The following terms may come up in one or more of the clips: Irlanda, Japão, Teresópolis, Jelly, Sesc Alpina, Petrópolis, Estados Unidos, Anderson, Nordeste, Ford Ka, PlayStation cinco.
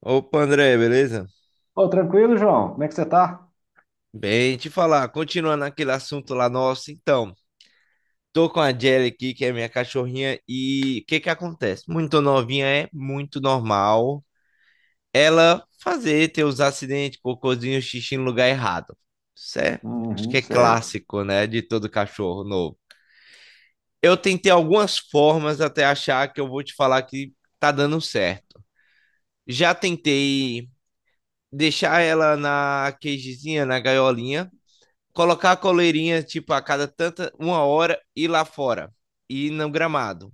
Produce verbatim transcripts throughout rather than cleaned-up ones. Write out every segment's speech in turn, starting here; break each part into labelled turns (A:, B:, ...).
A: Opa, André, beleza?
B: Ô, tranquilo, João? Como é que você tá?
A: Bem, te falar, continuando aquele assunto lá nosso, então, tô com a Jelly aqui, que é minha cachorrinha, e o que que acontece? Muito novinha é muito normal ela fazer, ter os acidentes, cocôzinho, xixi no lugar errado. Isso é, acho que
B: Uhum,
A: é
B: certo.
A: clássico, né, de todo cachorro novo. Eu tentei algumas formas até achar que eu vou te falar que tá dando certo. Já tentei deixar ela na cagezinha, na gaiolinha, colocar a coleirinha, tipo, a cada tanta, uma hora, ir lá fora, ir no gramado.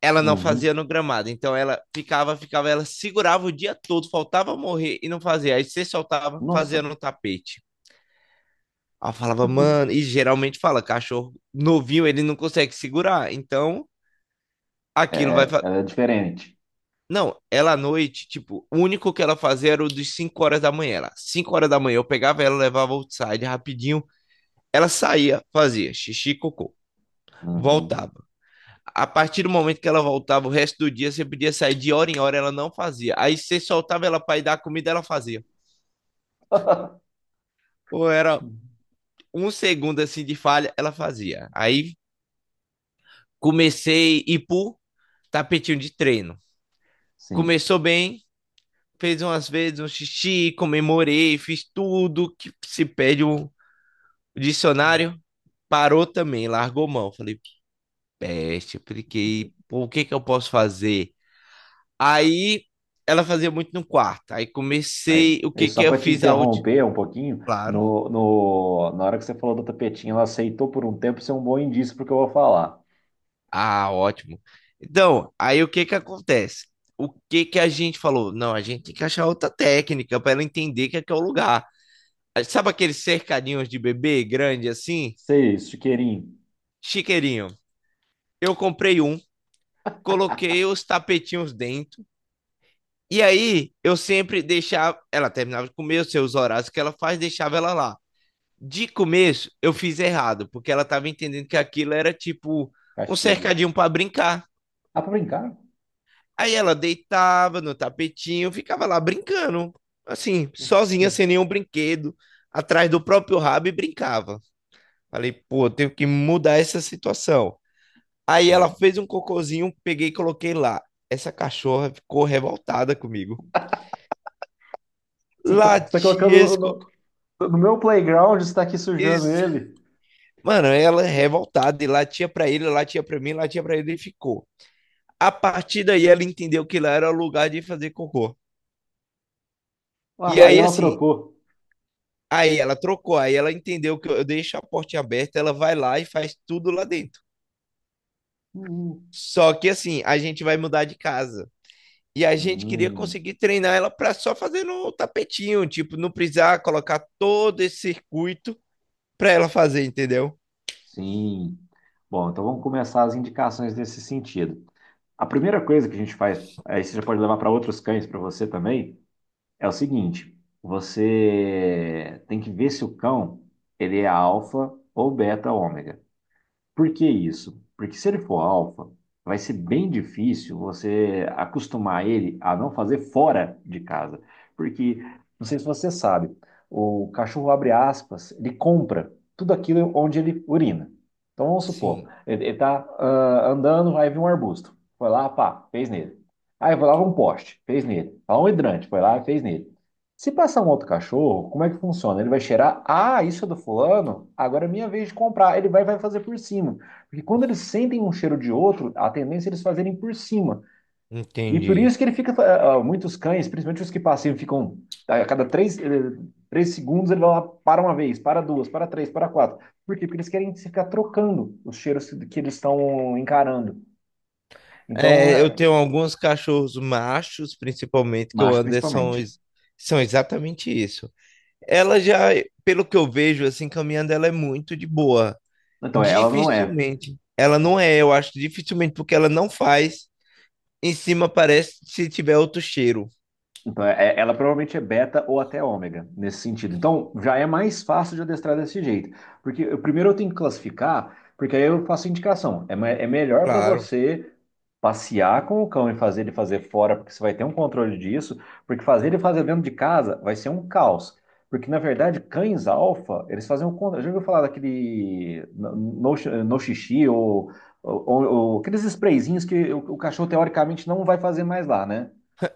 A: Ela não fazia
B: Uhum.
A: no gramado, então ela ficava, ficava, ela segurava o dia todo, faltava morrer e não fazia. Aí você soltava, fazia
B: Nossa,
A: no tapete. Ela falava, mano, e geralmente fala, cachorro novinho, ele não consegue segurar, então aquilo vai.
B: é,
A: fa-
B: ela é diferente.
A: Não, ela à noite, tipo, o único que ela fazia era o dos cinco horas da manhã. Ela, cinco horas da manhã, eu pegava ela, levava outside rapidinho, ela saía, fazia xixi, cocô,
B: Uhum.
A: voltava. A partir do momento que ela voltava, o resto do dia você podia sair de hora em hora, ela não fazia. Aí você soltava ela para ir dar comida, ela fazia. Ou era um segundo assim de falha, ela fazia. Aí comecei a ir pro tapetinho de treino.
B: Sim.
A: Começou bem, fez umas vezes um xixi, comemorei, fiz tudo que se pede o dicionário. Parou também, largou mão. Falei, peste, apliquei. Pô, o que que eu posso fazer? Aí ela fazia muito no quarto. Aí
B: Aí,
A: comecei. O
B: aí
A: que que
B: só
A: eu
B: para te
A: fiz a última?
B: interromper um pouquinho,
A: Claro.
B: no, no, na hora que você falou do tapetinho, ela aceitou por um tempo, isso é um bom indício porque eu vou falar.
A: Ah, ótimo. Então, aí o que que acontece? O que que a gente falou? Não, a gente tem que achar outra técnica para ela entender que aqui é o lugar. Ah, sabe aqueles cercadinhos de bebê grande assim?
B: Seis, chiqueirinho,
A: Chiqueirinho. Eu comprei um, coloquei os tapetinhos dentro. E aí eu sempre deixava. Ela terminava de comer os seus horários que ela faz, deixava ela lá. De começo, eu fiz errado, porque ela tava entendendo que aquilo era tipo um
B: castigo.
A: cercadinho pra brincar.
B: Ah, pra brincar?
A: Aí ela deitava no tapetinho, ficava lá brincando, assim, sozinha, sem nenhum brinquedo, atrás do próprio rabo e brincava. Falei, pô, eu tenho que mudar essa situação. Aí ela
B: Hum.
A: fez um cocôzinho, peguei e coloquei lá. Essa cachorra ficou revoltada comigo.
B: Você tá, você tá
A: Latia
B: colocando no,
A: esse cocô.
B: no- no meu playground, você tá aqui sujando
A: Ex-
B: ele.
A: Mano, ela revoltada e latia pra ele, latia pra mim, latia pra ele e ficou. A partir daí ela entendeu que lá era o lugar de fazer cocô. E
B: Ah, aí
A: aí,
B: ela
A: assim,
B: trocou.
A: aí ela trocou, aí ela entendeu que eu deixo a portinha aberta, ela vai lá e faz tudo lá dentro.
B: Hum.
A: Só que, assim, a gente vai mudar de casa. E a gente queria
B: Hum.
A: conseguir treinar ela para só fazer no tapetinho, tipo, não precisar colocar todo esse circuito para ela fazer, entendeu?
B: Sim. Bom, então vamos começar as indicações nesse sentido. A primeira coisa que a gente faz, aí você já pode levar para outros cães, para você também, é o seguinte: você tem que ver se o cão ele é alfa ou beta ômega. Por que isso? Porque se ele for alfa, vai ser bem difícil você acostumar ele a não fazer fora de casa. Porque, não sei se você sabe, o cachorro abre aspas, ele compra tudo aquilo onde ele urina. Então vamos supor,
A: Sim,
B: ele, está andando, vai vir um arbusto. Foi lá, pá, fez nele. Aí foi lá um poste, fez nele. Lá um hidrante, foi lá fez nele. Se passar um outro cachorro, como é que funciona? Ele vai cheirar, ah, isso é do fulano, agora é minha vez de comprar. Ele vai, vai fazer por cima. Porque quando eles sentem um cheiro de outro, a tendência é eles fazerem por cima. E por
A: entendi.
B: isso que ele fica, ah, muitos cães, principalmente os que passeiam, ficam, a cada três, eh, três segundos ele vai lá, para uma vez, para duas, para três, para quatro. Por quê? Porque eles querem ficar trocando os cheiros que eles estão encarando. Então,
A: É, eu
B: é,
A: tenho alguns cachorros machos, principalmente, que o
B: macho
A: Anderson
B: principalmente.
A: são exatamente isso. Ela já, pelo que eu vejo, assim, caminhando, ela é muito de boa.
B: Então, ela não é.
A: Dificilmente. Ela não é, eu acho, dificilmente, porque ela não faz. Em cima parece se tiver outro cheiro.
B: Então, é- ela provavelmente é beta ou até ômega nesse sentido. Então, já é mais fácil de adestrar desse jeito. Porque eu, primeiro eu tenho que classificar, porque aí eu faço indicação. É, me- é melhor para
A: Claro.
B: você passear com o cão e fazer ele fazer fora, porque você vai ter um controle disso, porque fazer ele fazer dentro de casa vai ser um caos. Porque, na verdade, cães alfa, eles fazem o contra. Já ouviu falar daquele no, no no xixi ou, ou- ou- ou aqueles sprayzinhos que o o cachorro, teoricamente, não vai fazer mais lá, né?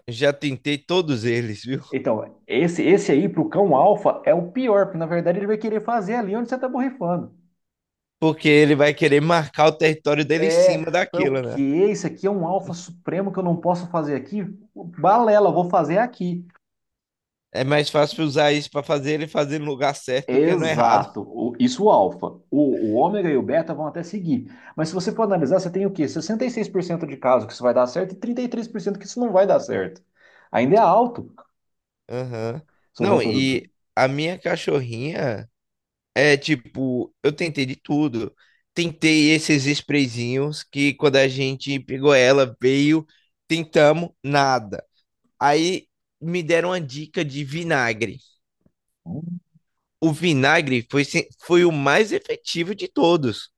A: Já tentei todos eles, viu?
B: Então, esse, esse aí pro cão alfa é o pior, porque na verdade ele vai querer fazer ali onde você tá borrifando.
A: Porque ele vai querer marcar o território dele em
B: É,
A: cima
B: foi o
A: daquilo, né?
B: quê? Isso aqui é um alfa supremo que eu não posso fazer aqui? Balela, vou fazer aqui.
A: É mais fácil usar isso para fazer ele fazer no lugar certo do que no errado.
B: Exato, o- isso o alfa. O, o ômega e o beta vão até seguir. Mas se você for analisar, você tem o quê? Sessenta e seis por cento de casos que isso vai dar certo e trinta e três por cento que isso não vai dar certo. Ainda é alto
A: Aham.
B: se usar o
A: Não,
B: produto.
A: e a minha cachorrinha. É tipo, eu tentei de tudo. Tentei esses sprayzinhos que quando a gente pegou ela, veio, tentamos, nada. Aí me deram uma dica de vinagre.
B: Uhum,
A: O vinagre foi, se- foi o mais efetivo de todos.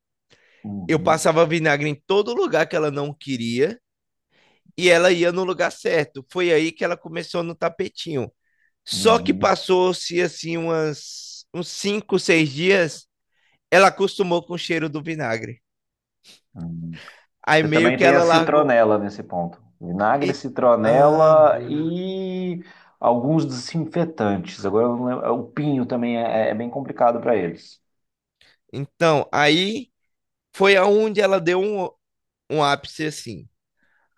A: Eu
B: uhum,
A: passava vinagre em todo lugar que ela não queria e ela ia no lugar certo. Foi aí que ela começou no tapetinho. Só que
B: uhum.
A: passou-se assim umas, uns cinco, seis dias, ela acostumou com o cheiro do vinagre.
B: Uhum.
A: Aí
B: Você
A: meio
B: também
A: que
B: tem a
A: ela largou.
B: citronela nesse ponto. Vinagre,
A: E- Ah,
B: citronela
A: boa.
B: e alguns desinfetantes. Agora, eu não lembro- o pinho também é, é bem complicado para eles.
A: Então, aí foi aonde ela deu um, um ápice assim.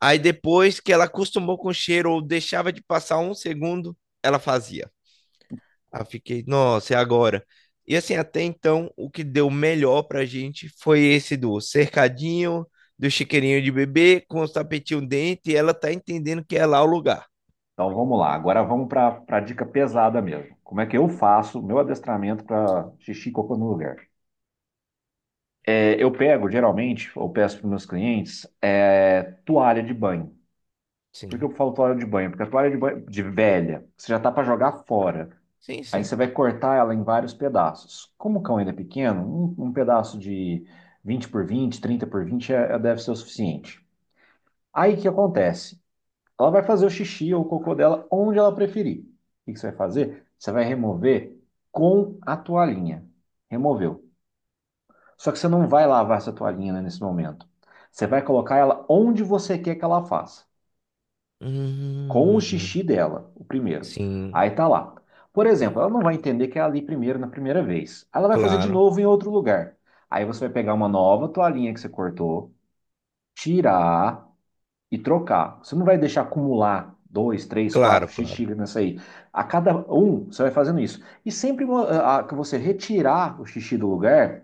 A: Aí depois que ela acostumou com o cheiro ou deixava de passar um segundo, ela fazia. Aí eu fiquei, nossa, é agora. E assim, até então, o que deu melhor pra gente foi esse do cercadinho, do chiqueirinho de bebê com os tapetinhos dentro e ela tá entendendo que é lá o lugar.
B: Então vamos lá. Agora vamos para a dica pesada mesmo. Como é que eu faço meu adestramento para xixi e cocô no lugar? É, eu pego, geralmente, ou peço para meus clientes, é, toalha de banho. Por que
A: Sim,
B: eu falo toalha de banho? Porque a toalha de banho de velha, você já tá para jogar fora.
A: sim,
B: Aí
A: sim.
B: você vai cortar ela em vários pedaços. Como o cão ainda é pequeno, um, um pedaço de vinte por vinte, trinta por vinte, é- é- deve ser o suficiente. Aí o que acontece? Ela vai fazer o xixi ou o cocô dela onde ela preferir. O que que você vai fazer? Você vai remover com a toalhinha. Removeu. Só que você não vai lavar essa toalhinha, né, nesse momento. Você vai colocar ela onde você quer que ela faça, com o
A: Hum,
B: xixi dela, o primeiro.
A: sim,
B: Aí tá lá. Por exemplo, ela não vai entender que é ali primeiro na primeira vez. Ela vai fazer de
A: claro,
B: novo em outro lugar. Aí você vai pegar uma nova toalhinha que você cortou, tirar, e trocar. Você não vai deixar acumular dois, três, quatro
A: claro,
B: xixi
A: claro.
B: xícaras nessa aí. A cada um, você vai fazendo isso. E sempre mo- que você retirar o xixi do lugar,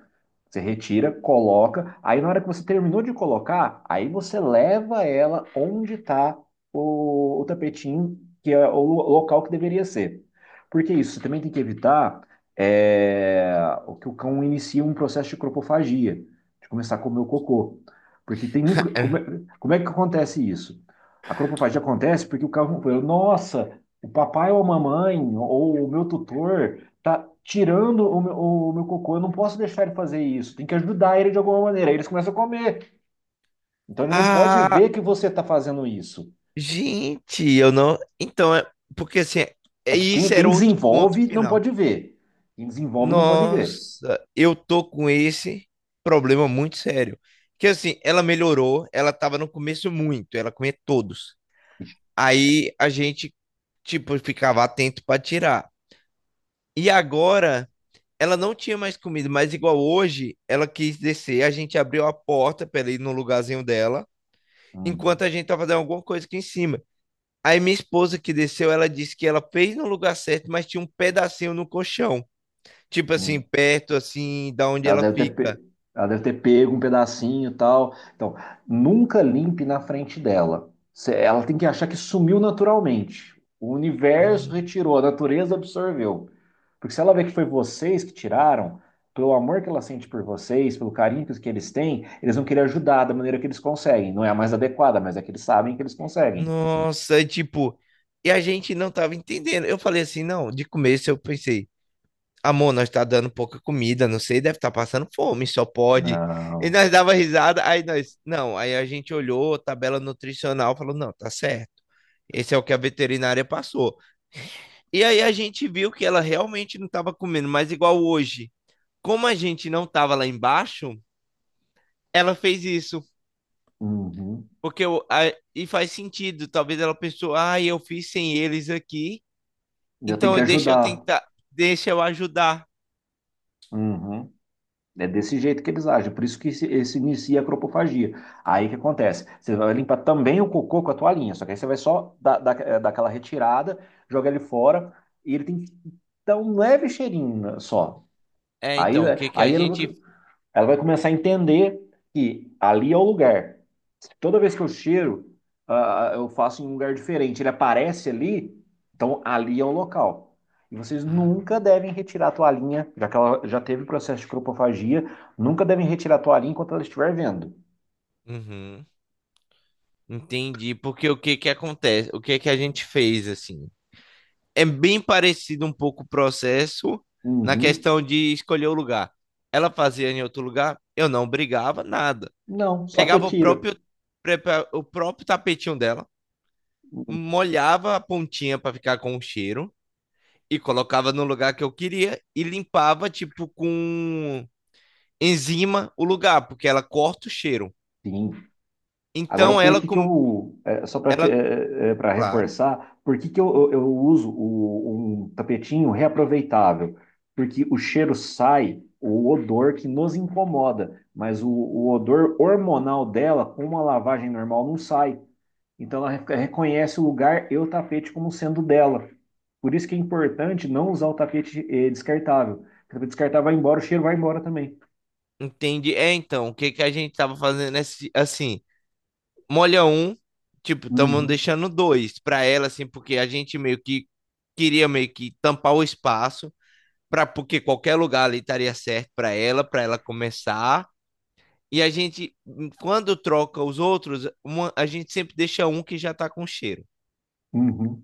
B: você retira, coloca. Aí na hora que você terminou de colocar, aí você leva ela onde está o, o tapetinho, que é o lo- local que deveria ser. Porque isso, você também tem que evitar é, o que o cão inicie um processo de cropofagia, de começar a comer o cocô. Porque tem muito. Come- como é que acontece isso? A cropofagia acontece porque o carro falou, nossa, o papai ou a mamãe ou o meu tutor tá tirando o meu, o meu cocô, eu não posso deixar ele fazer isso, tem que ajudar ele de alguma maneira. Aí eles começam a comer. Então ele não pode
A: Ah,
B: ver que você está fazendo isso.
A: gente, eu não. Então, é... porque assim,
B: É
A: é-
B: que quem,
A: isso
B: quem
A: era outro ponto
B: desenvolve não
A: final.
B: pode ver. Quem desenvolve não pode ver.
A: Nossa, eu tô com esse problema muito sério. Que assim, ela melhorou, ela tava no começo muito, ela comia todos. Aí a gente, tipo, ficava atento pra tirar. E agora, ela não tinha mais comida, mas igual hoje, ela quis descer, a gente abriu a porta pra ela ir no lugarzinho dela,
B: Uhum.
A: enquanto a gente tava fazendo alguma coisa aqui em cima. Aí minha esposa que desceu, ela disse que ela fez no lugar certo, mas tinha um pedacinho no colchão. Tipo assim,
B: Uhum.
A: perto assim, da onde
B: Ela
A: ela
B: deve ter, pe-
A: fica.
B: ela deve ter pego um pedacinho e tal. Então, nunca limpe na frente dela. Cê- Ela tem que achar que sumiu naturalmente. O universo
A: Hum,
B: retirou, a natureza absorveu. Porque se ela vê que foi vocês que tiraram, pelo amor que ela sente por vocês, pelo carinho que que eles têm, eles vão querer ajudar da maneira que eles conseguem. Não é a mais adequada, mas é que eles sabem que eles conseguem.
A: Nossa, e tipo, e a gente não tava entendendo. Eu falei assim, não, de começo eu pensei, amor, nós tá dando pouca comida, não sei, deve estar passando fome, só pode. E
B: Não.
A: nós dava risada, aí nós, não, aí a gente olhou a tabela nutricional, falou, não, tá certo. Esse é o que a veterinária passou. E aí a gente viu que ela realmente não estava comendo, mas igual hoje, como a gente não tava lá embaixo, ela fez isso.
B: Uhum.
A: Porque eu, a- e faz sentido. Talvez ela pensou, ah, eu fiz sem eles aqui,
B: Eu tenho que
A: então deixa eu
B: ajudar.
A: tentar, deixa eu ajudar.
B: Uhum. É desse jeito que eles agem, por isso que se, se inicia a cropofagia. Aí o que acontece? Você vai limpar também o cocô com a toalhinha, só que aí você vai só dar, dar, dar aquela retirada, jogar ele fora, e ele tem que dar um leve cheirinho né, só.
A: É,
B: Aí,
A: então, o que que a
B: aí ele
A: gente.
B: ela vai começar a entender que ali é o lugar. Toda vez que eu cheiro, ah, ah, eu faço em um lugar diferente. Ele aparece ali, então ali é o local. E vocês
A: Ah,
B: nunca devem retirar a toalhinha, já que ela já teve processo de cropofagia, nunca devem retirar a toalhinha enquanto ela estiver vendo.
A: uhum, entendi. Porque o que que acontece? O que que a gente fez assim? É bem parecido um pouco o processo na
B: Uhum.
A: questão de escolher o lugar. Ela fazia em outro lugar, eu não brigava nada.
B: Não, só
A: Pegava o
B: retira.
A: próprio, prepa- o próprio tapetinho dela molhava a pontinha para ficar com o cheiro e colocava no lugar que eu queria e limpava, tipo, com enzima o lugar, porque ela corta o cheiro.
B: Sim. Agora,
A: Então
B: por
A: ela,
B: que que
A: com-
B: eu, é, só para
A: ela,
B: para
A: claro,
B: reforçar, por que que eu, eu, eu uso o, um tapetinho reaproveitável? Porque o cheiro sai, o odor que nos incomoda, mas o, o odor hormonal dela, com uma lavagem normal, não sai. Então, ela re- reconhece o lugar e o tapete como sendo dela. Por isso que é importante não usar o tapete eh, descartável. O tapete descartável vai embora, o cheiro vai embora também.
A: entende. É, então, o que que a gente tava fazendo é se- assim, molha um, tipo, estamos
B: Uhum,
A: deixando dois para ela, assim, porque a gente meio que queria meio que tampar o espaço, para porque qualquer lugar ali estaria certo para ela, para ela começar. E a gente, quando troca os outros, uma- a gente sempre deixa um que já tá com cheiro.
B: uhum.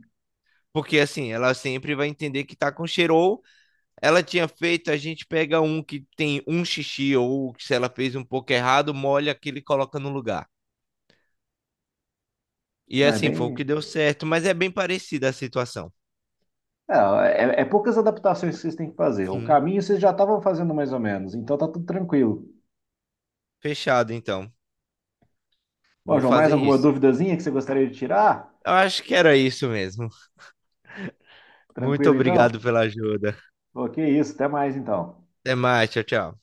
A: Porque assim, ela sempre vai entender que tá com cheiro. Ou ela tinha feito, a gente pega um que tem um xixi, ou se ela fez um pouco errado, molha aquele e coloca no lugar. E
B: Não é
A: assim, foi o que
B: bem.
A: deu certo. Mas é bem parecida a situação.
B: Não, é, é poucas adaptações que vocês têm que fazer. O
A: Sim,
B: caminho vocês já estavam fazendo mais ou menos, então tá tudo tranquilo.
A: fechado então.
B: Bom,
A: Vou
B: João, mais
A: fazer
B: alguma
A: isso.
B: duvidazinha que você gostaria de tirar?
A: Eu acho que era isso mesmo. Muito
B: Tranquilo
A: obrigado
B: então?
A: pela ajuda.
B: Ok, isso, até mais então.
A: Até mais, tchau, tchau.